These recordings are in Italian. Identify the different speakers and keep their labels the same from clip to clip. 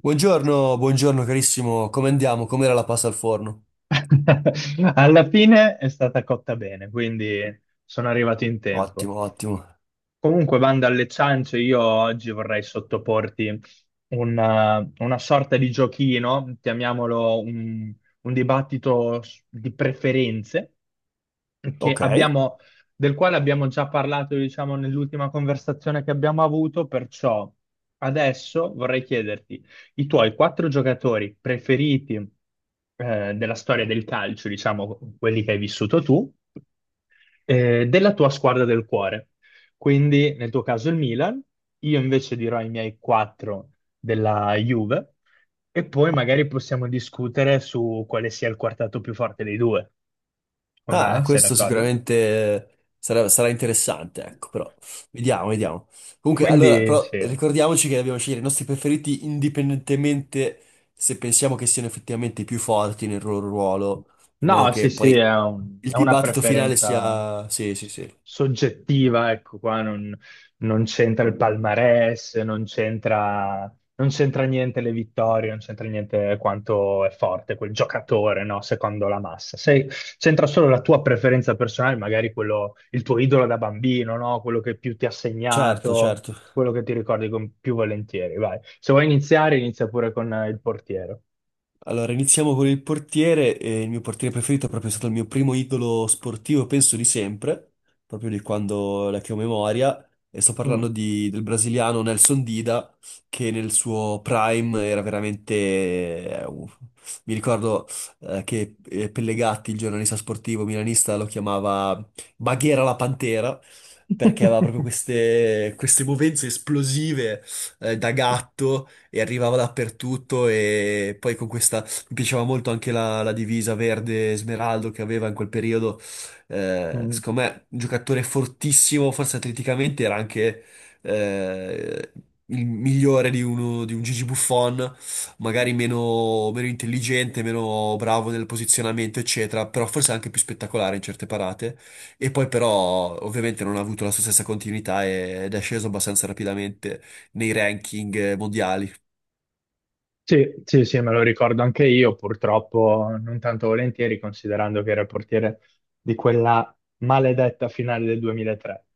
Speaker 1: Buongiorno, buongiorno carissimo, come andiamo? Com'era la pasta al forno?
Speaker 2: Alla fine è stata cotta bene, quindi sono arrivato in tempo.
Speaker 1: Ottimo, ottimo.
Speaker 2: Comunque, bando alle ciance, io oggi vorrei sottoporti una sorta di giochino, chiamiamolo un dibattito di preferenze, che
Speaker 1: Ok.
Speaker 2: abbiamo- del quale abbiamo già parlato, diciamo, nell'ultima conversazione che abbiamo avuto, perciò adesso vorrei chiederti i tuoi quattro giocatori preferiti, della storia del calcio, diciamo, quelli che hai vissuto tu, della tua squadra del cuore. Quindi nel tuo caso il Milan, io invece dirò i miei quattro della Juve e poi magari possiamo discutere su quale sia il quartetto più forte dei due, con
Speaker 1: Ah,
Speaker 2: me, sei
Speaker 1: questo
Speaker 2: d'accordo?
Speaker 1: sicuramente sarà, sarà interessante, ecco, però vediamo, vediamo. Comunque, allora,
Speaker 2: Quindi
Speaker 1: però
Speaker 2: sì.
Speaker 1: ricordiamoci che dobbiamo scegliere i nostri preferiti indipendentemente se pensiamo che siano effettivamente i più forti nel loro ruolo, in modo
Speaker 2: No, sì,
Speaker 1: che
Speaker 2: sì,
Speaker 1: poi
Speaker 2: è
Speaker 1: il
Speaker 2: è una
Speaker 1: dibattito finale
Speaker 2: preferenza
Speaker 1: sia... Sì, sì, sì.
Speaker 2: soggettiva, ecco qua, non, non c'entra il palmarès, non c'entra non c'entra niente le vittorie, non c'entra niente quanto è forte quel giocatore, no, secondo la massa. C'entra solo la tua preferenza personale, magari quello, il tuo idolo da bambino, no, quello che più ti ha
Speaker 1: Certo,
Speaker 2: segnato,
Speaker 1: certo.
Speaker 2: quello che ti ricordi con più volentieri, vai. Se vuoi iniziare, inizia pure con il portiere.
Speaker 1: Allora, iniziamo con il portiere. Il mio portiere preferito è proprio stato il mio primo idolo sportivo, penso di sempre, proprio di quando la che ho memoria. E sto
Speaker 2: Mm.
Speaker 1: parlando del brasiliano Nelson Dida, che nel suo prime era veramente... uff. Mi ricordo che Pellegatti, il giornalista sportivo milanista, lo chiamava Baghera la Pantera, perché aveva proprio queste, queste movenze esplosive da gatto e arrivava dappertutto e poi con questa mi piaceva molto anche la divisa verde smeraldo che aveva in quel periodo.
Speaker 2: Mm.
Speaker 1: Secondo me, un giocatore fortissimo, forse atleticamente era anche eh, il migliore di, uno, di un Gigi Buffon, magari meno, meno intelligente, meno bravo nel posizionamento, eccetera, però forse anche più spettacolare in certe parate. E poi però ovviamente non ha avuto la sua stessa continuità ed è sceso abbastanza rapidamente nei ranking mondiali.
Speaker 2: Sì, sì, sì, me lo ricordo anche io, purtroppo non tanto volentieri, considerando che era il portiere di quella maledetta finale del 2003.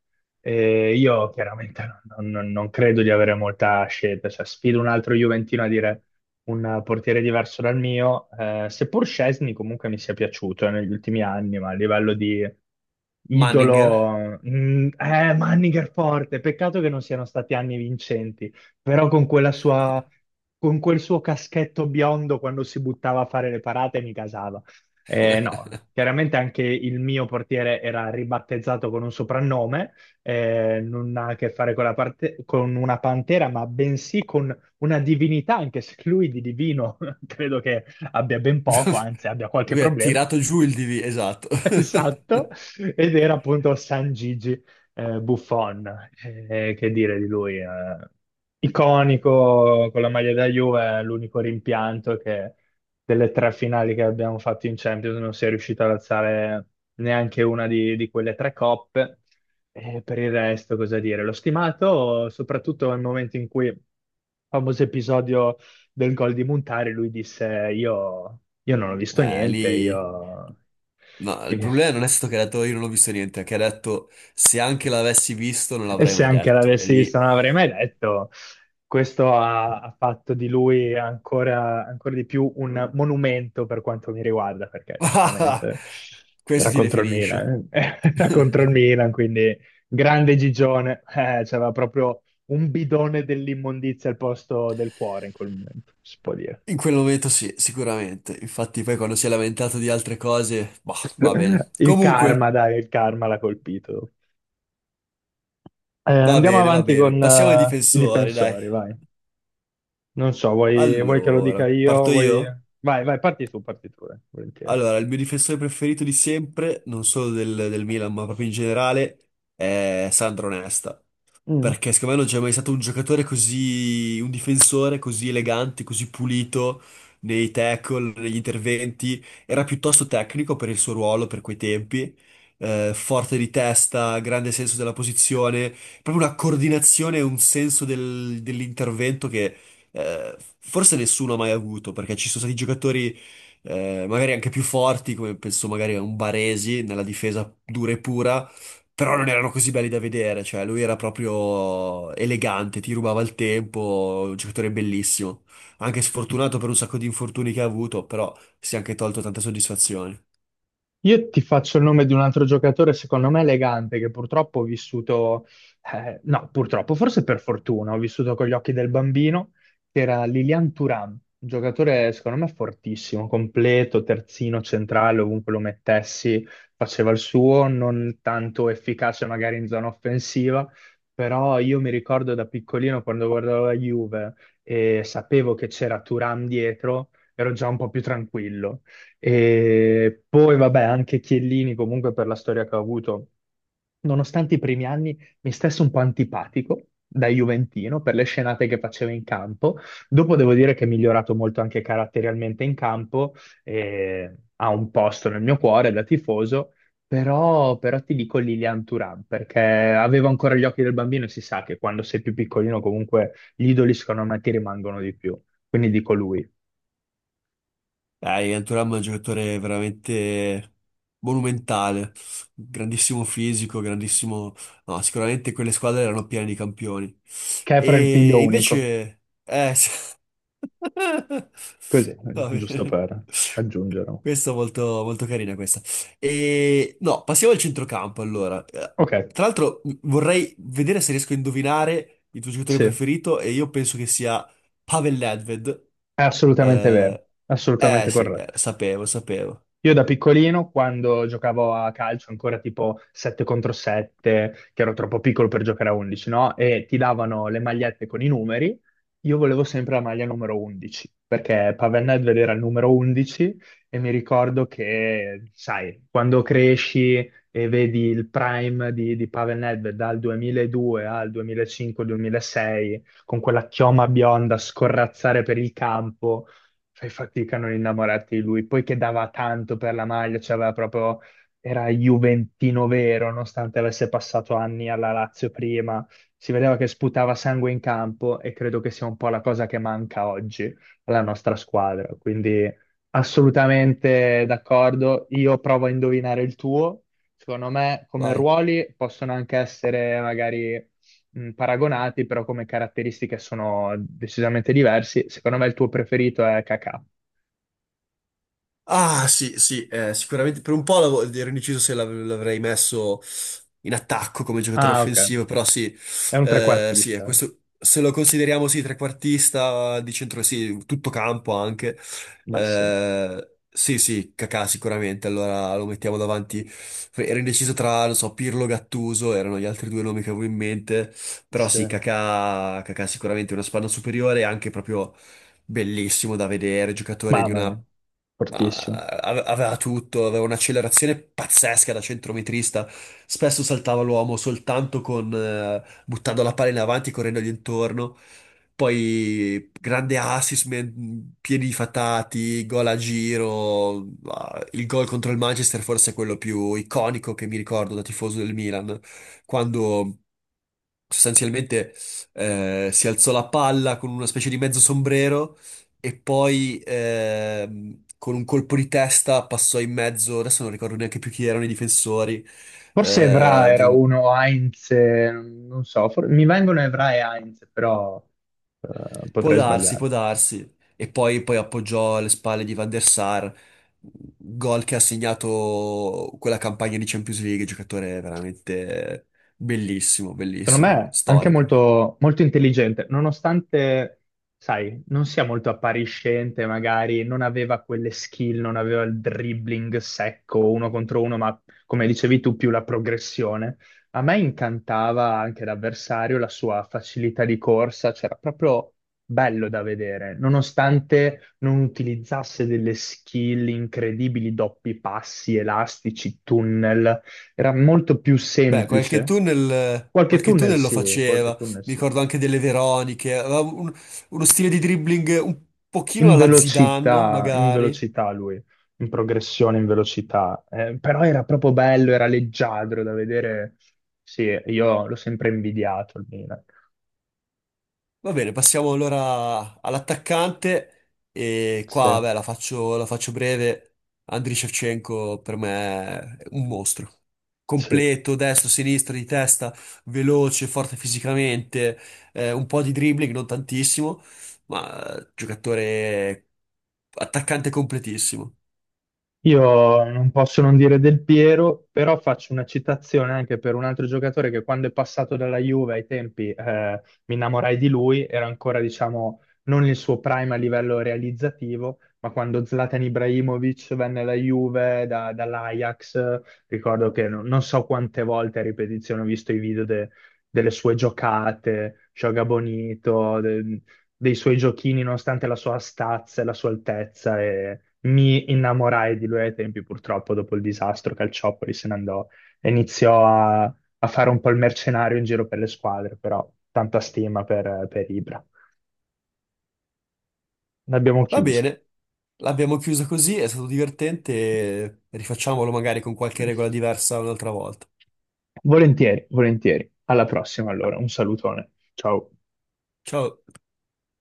Speaker 2: E io chiaramente non credo di avere molta scelta, cioè sfido un altro Juventino a dire un portiere diverso dal mio, seppur Szczesny comunque mi sia piaciuto negli ultimi anni, ma a livello di
Speaker 1: Manninger.
Speaker 2: idolo, Manninger forte, peccato che non siano stati anni vincenti però con quella sua, con quel suo caschetto biondo quando si buttava a fare le parate mi casava. No, chiaramente anche il mio portiere era ribattezzato con un soprannome, non ha a che fare con con una pantera, ma bensì con una divinità, anche se lui di divino credo che abbia ben poco, anzi abbia qualche
Speaker 1: Lui ha
Speaker 2: problema.
Speaker 1: tirato giù il DV, esatto.
Speaker 2: Esatto, ed era appunto San Gigi Buffon. Che dire di lui, iconico con la maglia da Juve, l'unico rimpianto è che delle tre finali che abbiamo fatto in Champions non si è riuscito ad alzare neanche una di quelle tre coppe. Per il resto cosa dire, l'ho stimato soprattutto nel momento in cui, famoso episodio del gol di Montari, lui disse: Io non ho visto niente,
Speaker 1: Lì...
Speaker 2: io.
Speaker 1: No,
Speaker 2: E
Speaker 1: il problema non è stato che ha detto io non ho visto niente, è che ha detto se anche l'avessi visto non l'avrei
Speaker 2: se
Speaker 1: mai
Speaker 2: anche
Speaker 1: detto. E
Speaker 2: l'avessi visto,
Speaker 1: lì...
Speaker 2: non l'avrei mai detto. Questo ha fatto di lui ancora di più un monumento per quanto mi riguarda, perché giustamente
Speaker 1: Questo
Speaker 2: era
Speaker 1: ti
Speaker 2: contro il
Speaker 1: definisce.
Speaker 2: Milan, eh. Era contro il Milan, quindi grande Gigione, c'aveva proprio un bidone dell'immondizia al posto del cuore in quel momento, si può dire.
Speaker 1: In quel momento sì, sicuramente. Infatti poi quando si è lamentato di altre cose, boh, va bene.
Speaker 2: Il
Speaker 1: Comunque,
Speaker 2: karma, dai, il karma l'ha colpito.
Speaker 1: va
Speaker 2: Andiamo
Speaker 1: bene, va
Speaker 2: avanti
Speaker 1: bene.
Speaker 2: con
Speaker 1: Passiamo ai
Speaker 2: i
Speaker 1: difensori, dai.
Speaker 2: difensori, vai. Non so, vuoi che lo
Speaker 1: Allora,
Speaker 2: dica io?
Speaker 1: parto
Speaker 2: Vuoi...
Speaker 1: io?
Speaker 2: Vai, vai, parti tu, volentieri.
Speaker 1: Allora, il mio difensore preferito di sempre, non solo del Milan, ma proprio in generale, è Sandro Nesta.
Speaker 2: Mm.
Speaker 1: Perché secondo me non c'è mai stato un giocatore così, un difensore così elegante, così pulito nei tackle, negli interventi. Era piuttosto tecnico per il suo ruolo, per quei tempi. Forte di testa, grande senso della posizione, proprio una coordinazione e un senso dell'intervento che forse nessuno ha mai avuto, perché ci sono stati giocatori magari anche più forti, come penso magari a un Baresi nella difesa dura e pura, però non erano così belli da vedere, cioè lui era proprio elegante, ti rubava il tempo, un giocatore bellissimo. Anche sfortunato per un sacco di infortuni che ha avuto, però si è anche tolto tante soddisfazioni.
Speaker 2: Io ti faccio il nome di un altro giocatore, secondo me elegante, che purtroppo ho vissuto, no, purtroppo, forse per fortuna, ho vissuto con gli occhi del bambino, che era Lilian Thuram, un giocatore secondo me fortissimo, completo, terzino, centrale, ovunque lo mettessi, faceva il suo, non tanto efficace magari in zona offensiva, però io mi ricordo da piccolino quando guardavo la Juve e sapevo che c'era Thuram dietro, ero già un po' più tranquillo e poi, vabbè, anche Chiellini, comunque, per la storia che ha avuto, nonostante i primi anni, mi stesse un po' antipatico da Juventino per le scenate che faceva in campo. Dopo devo dire che è migliorato molto anche caratterialmente in campo e ha un posto nel mio cuore da tifoso. Però ti dico Lilian Thuram perché avevo ancora gli occhi del bambino e si sa che quando sei più piccolino comunque gli idoli secondo me ti rimangono di più. Quindi dico lui,
Speaker 1: Ivan Thuram è un giocatore veramente monumentale, grandissimo fisico, grandissimo... No, sicuramente quelle squadre erano piene di campioni.
Speaker 2: che è fra il figlio
Speaker 1: E
Speaker 2: unico.
Speaker 1: invece...
Speaker 2: Così,
Speaker 1: Va
Speaker 2: giusto
Speaker 1: bene.
Speaker 2: per aggiungere.
Speaker 1: Questo è molto, molto carina questa. E, no, passiamo al centrocampo allora.
Speaker 2: Ok,
Speaker 1: Tra l'altro vorrei vedere se riesco a indovinare il tuo giocatore
Speaker 2: sì, è
Speaker 1: preferito e io penso che sia Pavel Nedved.
Speaker 2: assolutamente vero,
Speaker 1: Eh, eh
Speaker 2: assolutamente
Speaker 1: sì, eh,
Speaker 2: corretto.
Speaker 1: sapevo, sapevo.
Speaker 2: Io da piccolino, quando giocavo a calcio, ancora tipo 7 contro 7, che ero troppo piccolo per giocare a 11, no? E ti davano le magliette con i numeri, io volevo sempre la maglia numero 11, perché Pavel Nedved era il numero 11 e mi ricordo che, sai, quando cresci e vedi il prime di Pavel Nedved dal 2002 al 2005-2006, con quella chioma bionda scorrazzare per il campo, fai fatica a non innamorarti di lui. Poi che dava tanto per la maglia, cioè aveva proprio, era Juventino vero, nonostante avesse passato anni alla Lazio prima. Si vedeva che sputava sangue in campo e credo che sia un po' la cosa che manca oggi alla nostra squadra. Quindi assolutamente d'accordo. Io provo a indovinare il tuo. Secondo me, come
Speaker 1: Vai.
Speaker 2: ruoli possono anche essere magari paragonati, però come caratteristiche sono decisamente diversi. Secondo me il tuo preferito è Kakà.
Speaker 1: Ah, sì, sì, sicuramente per un po' ero indeciso se l'avrei messo in attacco come giocatore
Speaker 2: Ah, ok.
Speaker 1: offensivo, però sì,
Speaker 2: È un
Speaker 1: sì, è
Speaker 2: trequartista. Eh.
Speaker 1: questo, se lo consideriamo sì, trequartista di centro, sì, tutto campo anche,
Speaker 2: Beh, sì,
Speaker 1: sì, sì, Kakà sicuramente, allora lo mettiamo davanti, ero indeciso tra, non so, Pirlo, Gattuso, erano gli altri due nomi che avevo in mente, però
Speaker 2: sì.
Speaker 1: sì, Kakà, Kakà sicuramente è una spanna superiore, anche proprio bellissimo da vedere, giocatore di
Speaker 2: Mamma mia,
Speaker 1: una...
Speaker 2: fortissimo.
Speaker 1: aveva tutto, aveva un'accelerazione pazzesca da centrometrista, spesso saltava l'uomo soltanto con... buttando la palla in avanti, correndogli intorno. Poi grande assist, piedi fatati, gol a giro, ah, il gol contro il Manchester forse è quello più iconico che mi ricordo da tifoso del Milan, quando sostanzialmente si alzò la palla con una specie di mezzo sombrero e poi con un colpo di testa passò in mezzo, adesso non ricordo neanche più chi erano i difensori,
Speaker 2: Forse Evra
Speaker 1: eh,
Speaker 2: era
Speaker 1: del-
Speaker 2: uno, Heinz, non so, mi vengono Evra e Heinz, però... potrei sbagliare.
Speaker 1: può darsi, e poi, poi appoggiò alle spalle di Van der Sar, gol che ha segnato quella campagna di Champions League, giocatore veramente bellissimo,
Speaker 2: Secondo
Speaker 1: bellissimo,
Speaker 2: me anche
Speaker 1: storico.
Speaker 2: molto intelligente, nonostante, sai, non sia molto appariscente, magari non aveva quelle skill, non aveva il dribbling secco uno contro uno, ma come dicevi tu, più la progressione. A me incantava anche l'avversario, la sua facilità di corsa, c'era proprio bello da vedere, nonostante non utilizzasse delle skill incredibili, doppi passi, elastici, tunnel era molto più
Speaker 1: Beh,
Speaker 2: semplice. Qualche
Speaker 1: qualche
Speaker 2: tunnel
Speaker 1: tunnel lo
Speaker 2: sì, qualche
Speaker 1: faceva,
Speaker 2: tunnel
Speaker 1: mi
Speaker 2: sì.
Speaker 1: ricordo anche delle Veroniche, aveva un- uno stile di dribbling un pochino alla Zidane,
Speaker 2: In
Speaker 1: magari.
Speaker 2: velocità lui, in progressione, in velocità. Però era proprio bello, era leggiadro da vedere. Sì, io l'ho sempre invidiato il Milan.
Speaker 1: Va bene, passiamo allora all'attaccante e
Speaker 2: Sì,
Speaker 1: qua, beh, la faccio breve. Andriy Shevchenko per me è un mostro.
Speaker 2: sì.
Speaker 1: Completo, destro, sinistro, di testa, veloce, forte fisicamente, un po' di dribbling, non tantissimo, ma giocatore attaccante completissimo.
Speaker 2: Io non posso non dire Del Piero, però faccio una citazione anche per un altro giocatore che quando è passato dalla Juve ai tempi mi innamorai di lui, era ancora diciamo non il suo prime a livello realizzativo, ma quando Zlatan Ibrahimovic venne alla Juve dall'Ajax, ricordo che non so quante volte a ripetizione ho visto i video delle sue giocate, Joga Bonito, dei suoi giochini, nonostante la sua stazza e la sua altezza, e mi innamorai di lui ai tempi, purtroppo, dopo il disastro, Calciopoli se ne andò e iniziò a fare un po' il mercenario in giro per le squadre, però tanta stima per Ibra. L'abbiamo
Speaker 1: Va
Speaker 2: chiuso.
Speaker 1: bene, l'abbiamo chiusa così, è stato divertente, rifacciamolo magari con qualche regola diversa un'altra volta.
Speaker 2: Volentieri, volentieri. Alla prossima, allora. Un salutone. Ciao.
Speaker 1: Ciao.